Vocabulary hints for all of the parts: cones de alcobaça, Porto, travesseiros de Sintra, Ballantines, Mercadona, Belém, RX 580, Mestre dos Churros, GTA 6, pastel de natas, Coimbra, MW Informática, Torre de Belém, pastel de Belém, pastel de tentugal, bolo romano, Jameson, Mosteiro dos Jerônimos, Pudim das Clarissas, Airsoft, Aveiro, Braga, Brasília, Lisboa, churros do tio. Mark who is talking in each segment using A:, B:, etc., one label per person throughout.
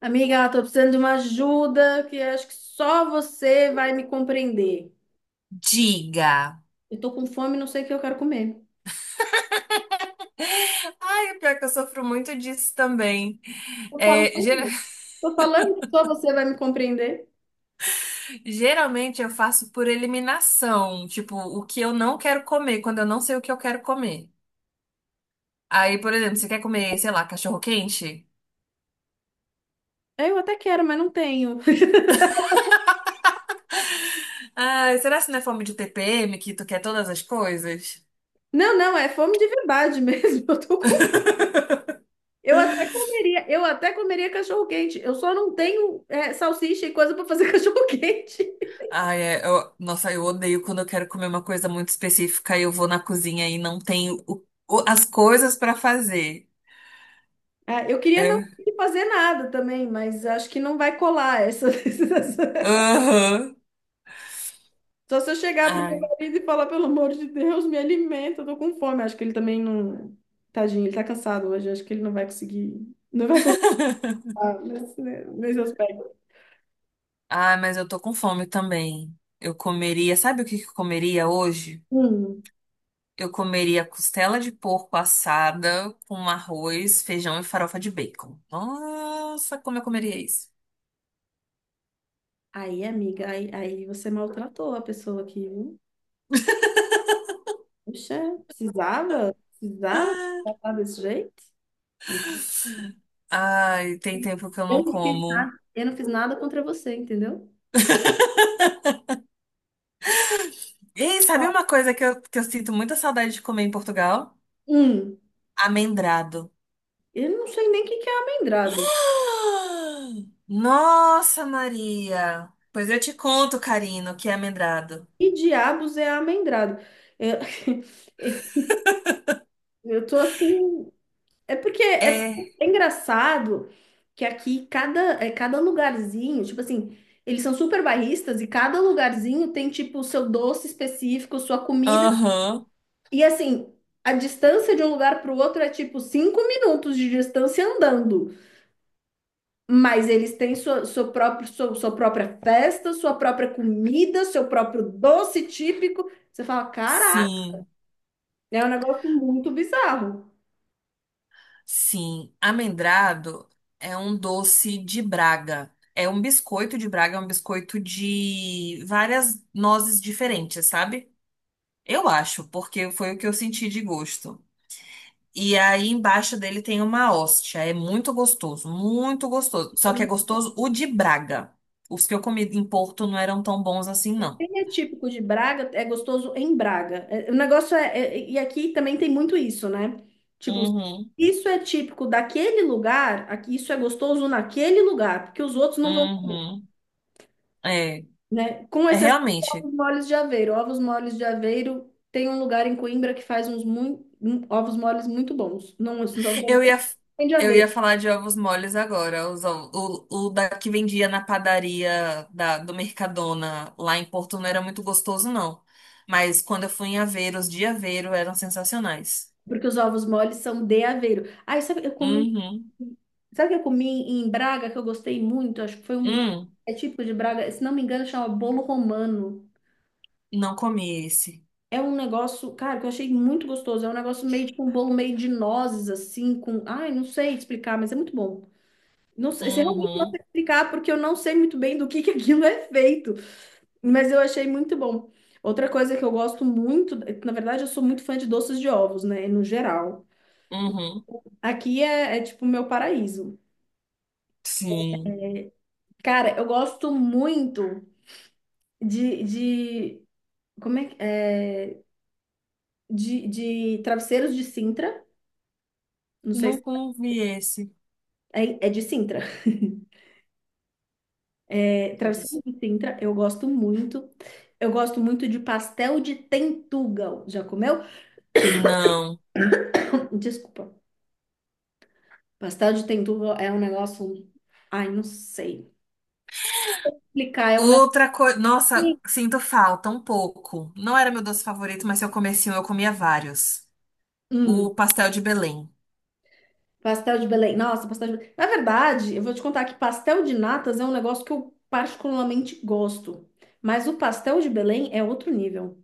A: Amiga, eu tô precisando de uma ajuda que eu acho que só você vai me compreender.
B: Diga.
A: Eu tô com fome, e não sei o que eu quero comer.
B: Ai, o pior que eu sofro muito disso também.
A: Tô falando,
B: É, gera-
A: tô falando que só você vai me compreender.
B: Geralmente eu faço por eliminação, tipo, o que eu não quero comer, quando eu não sei o que eu quero comer. Aí, por exemplo, você quer comer, sei lá, cachorro quente?
A: É, eu até quero, mas não tenho.
B: Ai, será que não é fome de TPM que tu quer todas as coisas?
A: Não, não, é fome de verdade mesmo. Eu tô com. Eu até comeria cachorro-quente. Eu só não tenho é, salsicha e coisa pra fazer cachorro-quente.
B: Ai, nossa, eu odeio quando eu quero comer uma coisa muito específica e eu vou na cozinha e não tenho as coisas pra fazer.
A: Ah, eu queria não
B: É.
A: fazer nada também, mas acho que não vai colar essa, essa.
B: Aham.
A: Só se eu chegar pro meu
B: Ai.
A: marido e falar, pelo amor de Deus, me alimenta, eu tô com fome. Acho que ele também não. Tadinho, ele tá cansado hoje. Acho que ele não vai conseguir. Não vai conseguir nesse aspecto.
B: Ah, mas eu tô com fome também. Eu comeria, sabe o que que eu comeria hoje?
A: Hum.
B: Eu comeria costela de porco assada com arroz, feijão e farofa de bacon. Nossa, como eu comeria isso?
A: Aí, amiga, aí você maltratou a pessoa aqui, viu? Puxa, precisava? Precisava tratar desse jeito? Uhum.
B: Ai, tem tempo que eu
A: Eu
B: não
A: não fiz,
B: como.
A: eu não fiz nada contra você, entendeu?
B: E sabe uma coisa que eu sinto muita saudade de comer em Portugal?
A: Hum,
B: Amendrado.
A: eu não sei nem o que que é amendrado.
B: Ah! Nossa, Maria! Pois eu te conto, Carino, o que é amendrado.
A: Que diabos é amendrado? Eu, eu tô assim. É porque é,
B: É,
A: porque é engraçado que aqui cada lugarzinho, tipo assim, eles são super bairristas e cada lugarzinho tem tipo o seu doce específico, sua comida.
B: aham,
A: E assim, a distância de um lugar para o outro é tipo 5 minutos de distância andando. Mas eles têm sua própria festa, sua própria comida, seu próprio doce típico. Você fala, caraca,
B: sim.
A: é um negócio muito bizarro.
B: Sim, amendrado é um doce de Braga. É um biscoito de Braga, é um biscoito de várias nozes diferentes, sabe? Eu acho, porque foi o que eu senti de gosto. E aí embaixo dele tem uma hóstia. É muito gostoso, muito gostoso. Só que é gostoso o de Braga. Os que eu comi em Porto não eram tão bons assim, não.
A: Ele é típico de Braga, é gostoso em Braga. É, o negócio é, e aqui também tem muito isso, né? Tipo,
B: Uhum,
A: isso é típico daquele lugar, aqui isso é gostoso naquele lugar, porque os outros não vão,
B: uhum. É,
A: né? Com
B: é
A: exceção de
B: realmente.
A: ovos moles de Aveiro. Ovos moles de Aveiro tem um lugar em Coimbra que faz ovos moles muito bons. Não, os ovos
B: Eu
A: moles
B: ia,
A: de
B: eu
A: Aveiro,
B: ia falar de ovos moles agora. O da que vendia na padaria do Mercadona lá em Porto não era muito gostoso, não. Mas quando eu fui em Aveiro, os de Aveiro eram sensacionais.
A: porque os ovos moles são de Aveiro. Aí, sabe, eu comi
B: Uhum.
A: Sabe o que eu comi em Braga que eu gostei muito? Acho que foi um.
B: Hum,
A: É típico de Braga, se não me engano, chama bolo romano.
B: não comi esse.
A: É um negócio, cara, que eu achei muito gostoso. É um negócio meio tipo um bolo meio de nozes, assim, com. Ai, não sei explicar, mas é muito bom. Não sei, se realmente não
B: Uhum.
A: sei explicar, porque eu não sei muito bem do que aquilo é feito. Mas eu achei muito bom. Outra coisa que eu gosto muito, na verdade, eu sou muito fã de doces de ovos, né? No geral.
B: Uhum.
A: Aqui é tipo o meu paraíso.
B: Sim.
A: Cara, eu gosto muito. de como é, é de travesseiros de Sintra, não sei se
B: Nunca não vi esse.
A: é de Sintra. É,
B: Deve
A: travesseiros
B: ser.
A: de Sintra, eu gosto muito. Eu gosto muito de pastel de tentugal. Já comeu?
B: Não.
A: Desculpa. Pastel de tentugal é um negócio, ai, não sei explicar, é um negócio.
B: Outra coisa. Nossa, sinto falta um pouco. Não era meu doce favorito, mas se eu comesse um, eu comia vários.
A: Hum,
B: O pastel de Belém.
A: Pastel de Belém. Nossa, pastel de Belém. Na verdade, eu vou te contar que pastel de natas é um negócio que eu particularmente gosto. Mas o pastel de Belém é outro nível.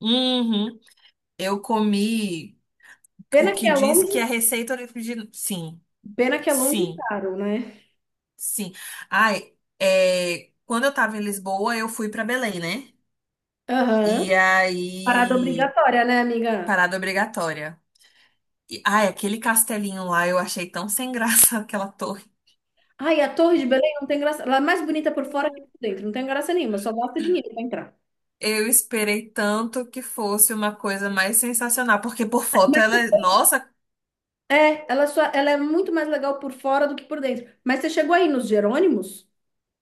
B: Uhum. Eu comi o
A: Pena que
B: que
A: é
B: diz
A: longe,
B: que é receita original. Sim,
A: pena que é longe e
B: sim,
A: caro, né?
B: sim. Ai, é, quando eu tava em Lisboa, eu fui pra Belém, né?
A: Aham.
B: E
A: Parada
B: aí,
A: obrigatória, né, amiga?
B: parada obrigatória. E, ai, aquele castelinho lá eu achei tão sem graça aquela torre.
A: Ai, a Torre de Belém não tem graça. Ela é mais bonita por fora que por dentro. Não tem graça nenhuma, só gasta dinheiro pra entrar.
B: Eu esperei tanto que fosse uma coisa mais sensacional, porque por foto ela, nossa,
A: Mas é, ela é muito mais legal por fora do que por dentro. Mas você chegou aí nos Jerônimos?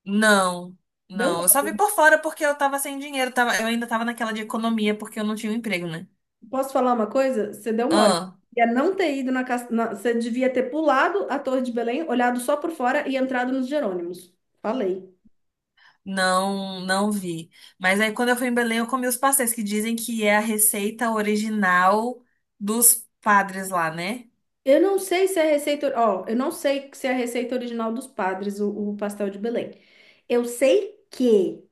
B: não,
A: Deu
B: não. Eu só vi
A: mole.
B: por fora porque eu tava sem dinheiro, tava, eu ainda tava naquela de economia porque eu não tinha um emprego, né?
A: Posso falar uma coisa? Você deu mole.
B: Ah,
A: Ia não ter ido na, na. Você devia ter pulado a Torre de Belém, olhado só por fora e entrado nos Jerônimos. Falei.
B: não, não vi. Mas aí quando eu fui em Belém, eu comi os pastéis que dizem que é a receita original dos padres lá, né?
A: Eu não sei se é a receita, ó, eu não sei se é a receita original dos padres, o pastel de Belém. Eu sei que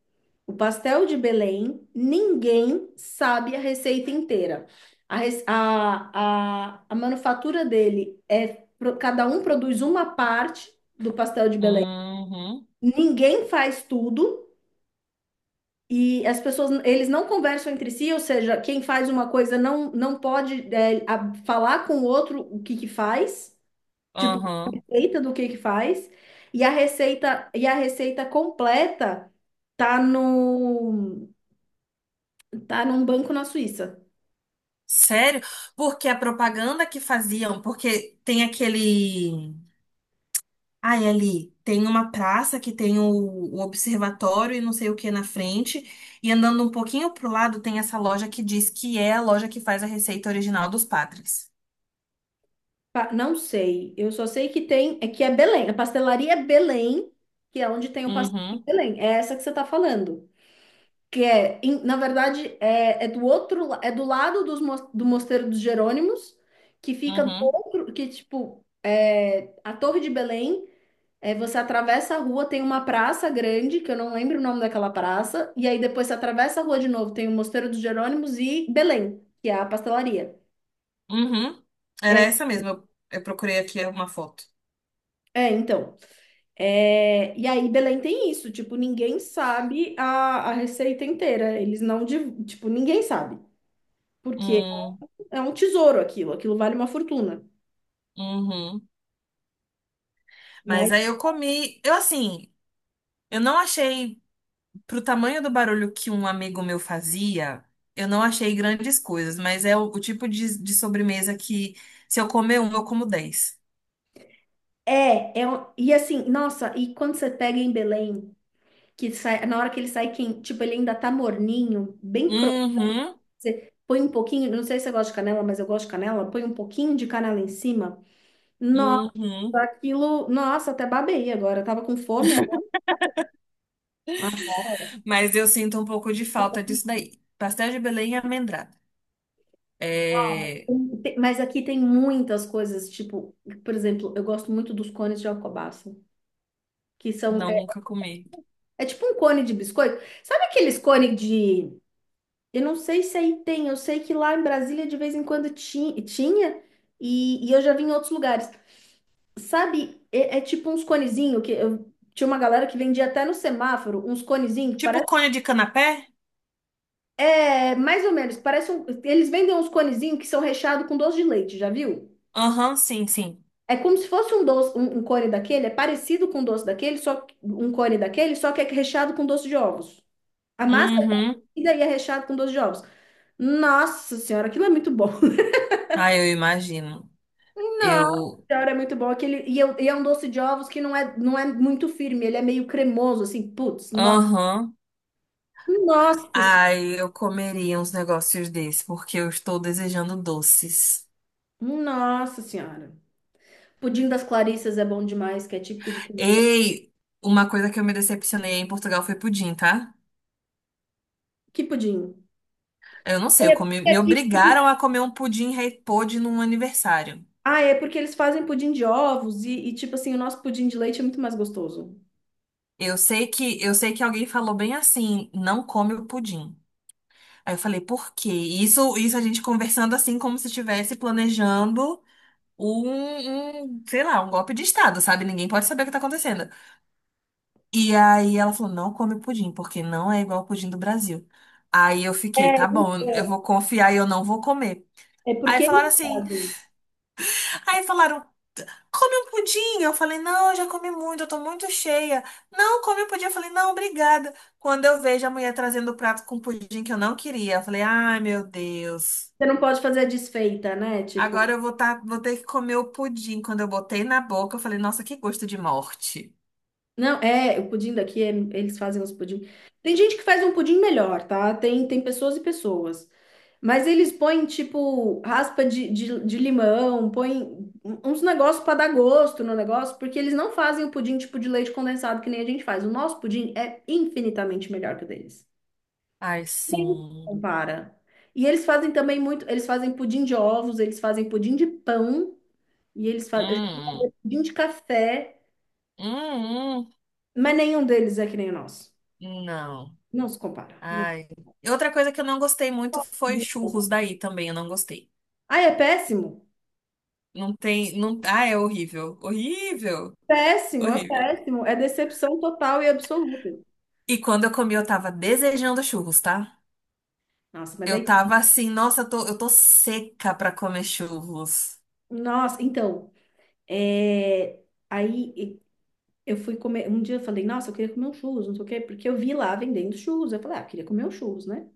A: o pastel de Belém, ninguém sabe a receita inteira. A, rece- a manufatura dele é, cada um produz uma parte do pastel de Belém.
B: Uhum,
A: Ninguém faz tudo e as pessoas, eles não conversam entre si, ou seja, quem faz uma coisa não pode, falar com o outro o que que faz. Tipo, a
B: uhum.
A: receita do que faz. E a receita completa tá no, tá num banco na Suíça.
B: Sério? Porque a propaganda que faziam, porque tem aquele. Ai, ali, tem uma praça que tem o observatório e não sei o que na frente. E andando um pouquinho pro lado, tem essa loja que diz que é a loja que faz a receita original dos padres.
A: Não sei. Eu só sei que tem, é que é Belém. A pastelaria é Belém, que é onde tem o pastel em
B: Uhum,
A: Belém. É essa que você tá falando. Que é, na verdade, é do outro, é do lado dos, do Mosteiro dos Jerônimos, que fica do
B: uhum.
A: outro, que tipo, é, a Torre de Belém. É, você atravessa a rua, tem uma praça grande, que eu não lembro o nome daquela praça, e aí depois você atravessa a rua de novo, tem o Mosteiro dos Jerônimos e Belém, que é a pastelaria.
B: Uhum.
A: É,
B: Era essa mesmo. Eu procurei aqui uma foto.
A: é, então. É, e aí Belém tem isso, tipo, ninguém sabe a, receita inteira, eles não, tipo, ninguém sabe, porque
B: Hum,
A: é um tesouro aquilo, aquilo vale uma fortuna.
B: uhum.
A: Mas
B: Mas aí eu comi. Eu assim, eu não achei, pro tamanho do barulho que um amigo meu fazia, eu não achei grandes coisas, mas é o tipo de sobremesa que se eu comer um, eu como dez.
A: e assim, nossa, e quando você pega em Belém, que sai, na hora que ele sai, quem, tipo, ele ainda tá morninho, bem.
B: Uhum,
A: Você põe um pouquinho, não sei se você gosta de canela, mas eu gosto de canela. Põe um pouquinho de canela em cima. Nossa,
B: uhum.
A: aquilo. Nossa, até babei agora. Eu tava com fome agora. Agora.
B: Mas eu sinto um pouco de falta disso daí. Pastel de Belém e amendrada. É,
A: Mas aqui tem muitas coisas, tipo, por exemplo, eu gosto muito dos cones de alcobaça, que são. É,
B: não, nunca comi.
A: é tipo um cone de biscoito. Sabe aqueles cones de. Eu não sei se aí tem, eu sei que lá em Brasília de vez em quando tinha, e eu já vi em outros lugares. Sabe, é tipo uns conezinho que eu tinha uma galera que vendia até no semáforo, uns conezinho que
B: Tipo
A: parece.
B: cone de canapé?
A: É mais ou menos, parece um, eles vendem uns conezinho que são recheados com doce de leite, já viu?
B: Aham, sim, sim.
A: É como se fosse um doce, um cone daquele, é parecido com um doce daquele, só um cone daquele, só que é recheado com doce de ovos. A massa é
B: Uhum.
A: parecida e é recheado com doce de ovos. Nossa senhora, aquilo é muito bom.
B: Ah, eu imagino.
A: Nossa
B: Eu.
A: senhora, é muito bom. Aquele, e é um doce de ovos que não é muito firme, ele é meio cremoso, assim, putz.
B: Aham.
A: Nossa,
B: Ai, eu comeria uns negócios desses, porque eu estou desejando doces.
A: nossa senhora. Pudim das Clarissas é bom demais, que é típico de comida.
B: Ei, uma coisa que eu me decepcionei em Portugal foi pudim, tá?
A: Que pudim?
B: Eu não
A: Ah,
B: sei, eu
A: é
B: comi,
A: porque
B: me
A: aqui.
B: obrigaram a comer um pudim rei pôde num aniversário.
A: Ah, é porque eles fazem pudim de ovos e, tipo assim, o nosso pudim de leite é muito mais gostoso.
B: Eu sei que alguém falou bem assim, não come o pudim. Aí eu falei, por quê? E isso, isso, a gente conversando assim como se estivesse planejando um, sei lá, um golpe de estado, sabe? Ninguém pode saber o que tá acontecendo. E aí ela falou, não come pudim, porque não é igual o pudim do Brasil. Aí eu fiquei, tá bom, eu vou confiar e eu não vou comer.
A: É
B: Aí
A: porque eles
B: falaram assim,
A: fazem.
B: aí falaram, come um pudim. Eu falei, não, eu já comi muito, eu tô muito cheia. Não, come um pudim. Eu falei, não, obrigada. Quando eu vejo a mulher trazendo o prato com pudim que eu não queria, eu falei, ai, meu Deus.
A: Você não pode fazer a desfeita, né? Tipo.
B: Agora eu vou, tá, vou ter que comer o pudim. Quando eu botei na boca, eu falei, nossa, que gosto de morte.
A: Não, é, o pudim daqui, eles fazem uns pudim. Tem gente que faz um pudim melhor, tá? Tem pessoas e pessoas. Mas eles põem, tipo, raspa de limão, põem uns negócios para dar gosto no negócio, porque eles não fazem o pudim tipo de leite condensado que nem a gente faz. O nosso pudim é infinitamente melhor que o deles.
B: Ai, sim.
A: Compara. E eles fazem também muito, eles fazem pudim de ovos, eles fazem pudim de pão, e eles fazem
B: Hum,
A: pudim de café,
B: hum, hum.
A: mas nenhum deles é que nem o nosso.
B: Hum. Não.
A: Não se compara. Não.
B: Ai. E outra coisa que eu não gostei muito foi
A: Pode.
B: churros daí também, eu não gostei.
A: Ah, é péssimo?
B: Não tem, não, ah, é horrível, horrível, horrível.
A: Péssimo. É decepção total e absoluta.
B: E quando eu comi, eu tava desejando churros, tá?
A: Nossa, mas
B: Eu
A: daí.
B: tava assim, nossa, eu tô seca pra comer churros.
A: Nossa, então. é, Aí eu fui comer. Um dia eu falei, nossa, eu queria comer um churros, não sei o quê, porque eu vi lá vendendo churros. Eu falei, ah, eu queria comer um churros, né?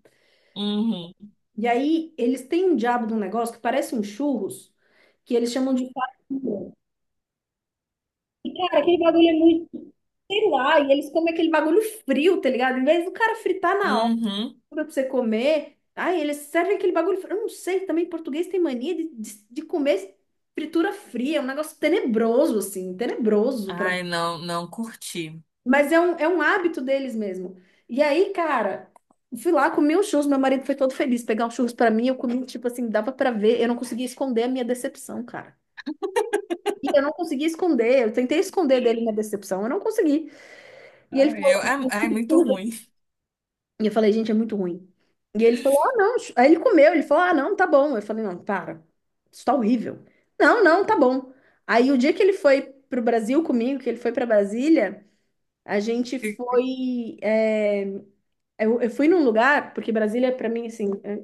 B: Uhum,
A: E aí eles têm um diabo de um negócio que parece um churros, que eles chamam de farinha. E, cara, aquele bagulho é muito, sei lá, e eles comem aquele bagulho frio, tá ligado? Em vez do cara fritar na
B: uhum.
A: pra você comer. Aí eles servem aquele bagulho. Eu não sei, também português tem mania de comer fritura fria, é um negócio tenebroso, assim, tenebroso. Pra.
B: Ai, não, não curti.
A: Mas é um, hábito deles mesmo. E aí, cara, fui lá, comi os churros, meu marido foi todo feliz pegar os churros pra mim, eu comi, tipo assim, dava pra ver, eu não conseguia esconder a minha decepção, cara. E eu não conseguia esconder, eu tentei esconder dele minha decepção, eu não consegui. E ele
B: Ai, eu,
A: falou.
B: é, é muito ruim.
A: E eu falei, gente, é muito ruim. E ele falou, ah, não. Aí ele comeu, ele falou, ah, não, tá bom. Eu falei, não, para, isso tá horrível. Não, não, tá bom. Aí o dia que ele foi pro Brasil comigo, que ele foi pra Brasília, a gente foi. Eu fui num lugar, porque Brasília, pra mim, assim, é,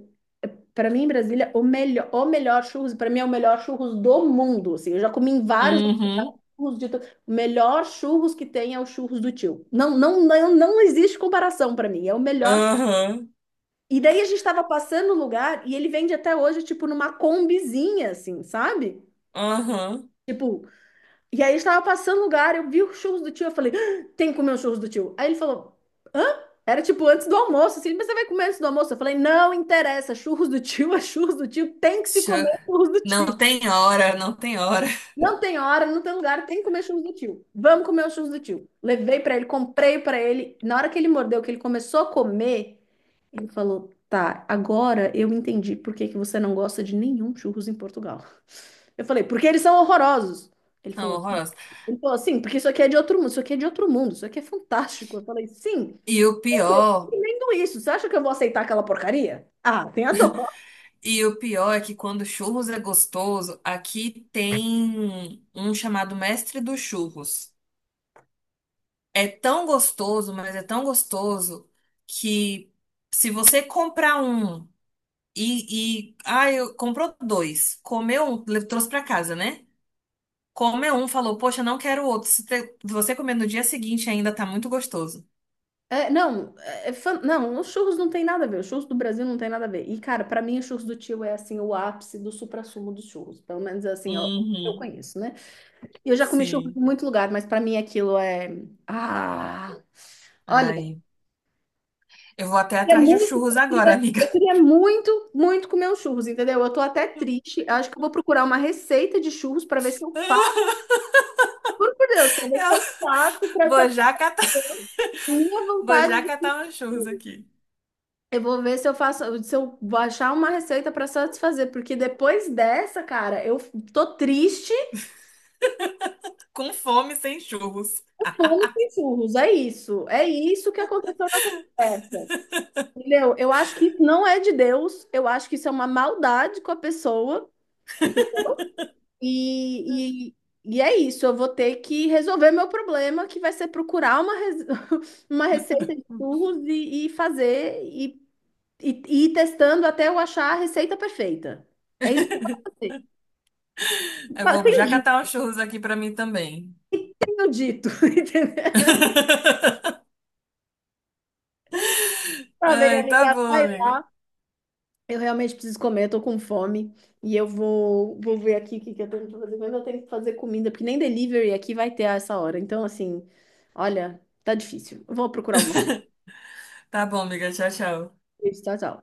A: pra mim, Brasília, o melhor churros, pra mim é o melhor churros do mundo. Assim, eu já comi em vários
B: Uhum,
A: churros de. O melhor churros que tem é o churros do tio. Não, não, não, não existe comparação pra mim. É o melhor
B: aham,
A: e daí a gente tava passando o lugar e ele vende até hoje, tipo, numa combizinha, assim, sabe?
B: aham.
A: Tipo, e aí a gente tava passando o lugar, eu vi os churros do tio, eu falei, "Ah, tem que comer os churros do tio. Aí ele falou, hã? Era tipo antes do almoço, assim, mas você vai comer antes do almoço? Eu falei, não interessa, churros do tio é churros do tio, tem que se
B: Chu-
A: comer churros do tio.
B: Não tem hora, não tem hora.
A: Não tem hora, não tem lugar, tem que comer churros do tio. Vamos comer os churros do tio. Levei pra ele, comprei pra ele. Na hora que ele mordeu, que ele começou a comer, ele falou: Tá, agora eu entendi por que que você não gosta de nenhum churros em Portugal. Eu falei: Porque eles são horrorosos. Ele
B: São
A: falou: Sim.
B: horrorosos.
A: Ele falou assim, porque isso aqui é de outro mundo, isso aqui é de outro mundo, isso aqui é fantástico. Eu falei: Sim,
B: E o pior
A: entendo isso. Você acha que eu vou aceitar aquela porcaria? Ah, tem a dor.
B: E o pior é que quando churros é gostoso, aqui tem um chamado Mestre dos Churros. É tão gostoso, mas é tão gostoso que se você comprar um e, ah, eu comprou dois, comeu um, trouxe pra casa, né? Comeu um, falou, poxa, não quero outro. Se te- você comer no dia seguinte ainda tá muito gostoso.
A: É, não, não, os churros não tem nada a ver, os churros do Brasil não tem nada a ver. E, cara, pra mim, os churros do tio é assim, o ápice do suprassumo dos churros. Pelo menos assim, eu
B: Uhum,
A: conheço, né? Eu já comi churros em
B: sim.
A: muito lugar, mas pra mim aquilo é. Ah! Olha, eu
B: Ai, eu vou até
A: queria
B: atrás de
A: muito,
B: churros
A: eu
B: agora,
A: queria,
B: amiga.
A: eu queria muito, muito comer os churros, entendeu? Eu tô até triste. Acho que eu vou procurar uma receita de churros pra ver se eu faço. Juro por Deus, pra ver se
B: Eu
A: eu faço pra
B: vou já catar.
A: satisfazer a minha
B: Vou
A: vontade
B: já
A: de
B: catar uns churros
A: comer.
B: aqui.
A: Eu vou ver se eu faço, se eu vou achar uma receita pra satisfazer, porque depois dessa, cara, eu tô triste,
B: Com fome, sem churros.
A: com fome e sem churros. É isso que aconteceu nessa conversa. Entendeu? Eu acho que isso não é de Deus, eu acho que isso é uma maldade com a pessoa. Entendeu? E, e, e é isso, eu vou ter que resolver meu problema, que vai ser procurar uma, uma receita de churros e fazer, e ir testando até eu achar a receita perfeita. É isso que eu vou fazer.
B: Eu vou
A: Tenho
B: já catar
A: dito,
B: uns churros aqui pra mim também.
A: tenho dito, entendeu? Pra ver,
B: Ai, tá
A: amiga.
B: bom, amiga.
A: Eu realmente preciso comer, eu tô com fome. E eu vou ver aqui o que que eu tenho que fazer. Mas eu tenho que fazer comida, porque nem delivery aqui vai ter a essa hora. Então, assim, olha, tá difícil. Eu vou procurar alguma
B: Tá bom, amiga. Tchau, tchau.
A: coisa. Tchau, tchau.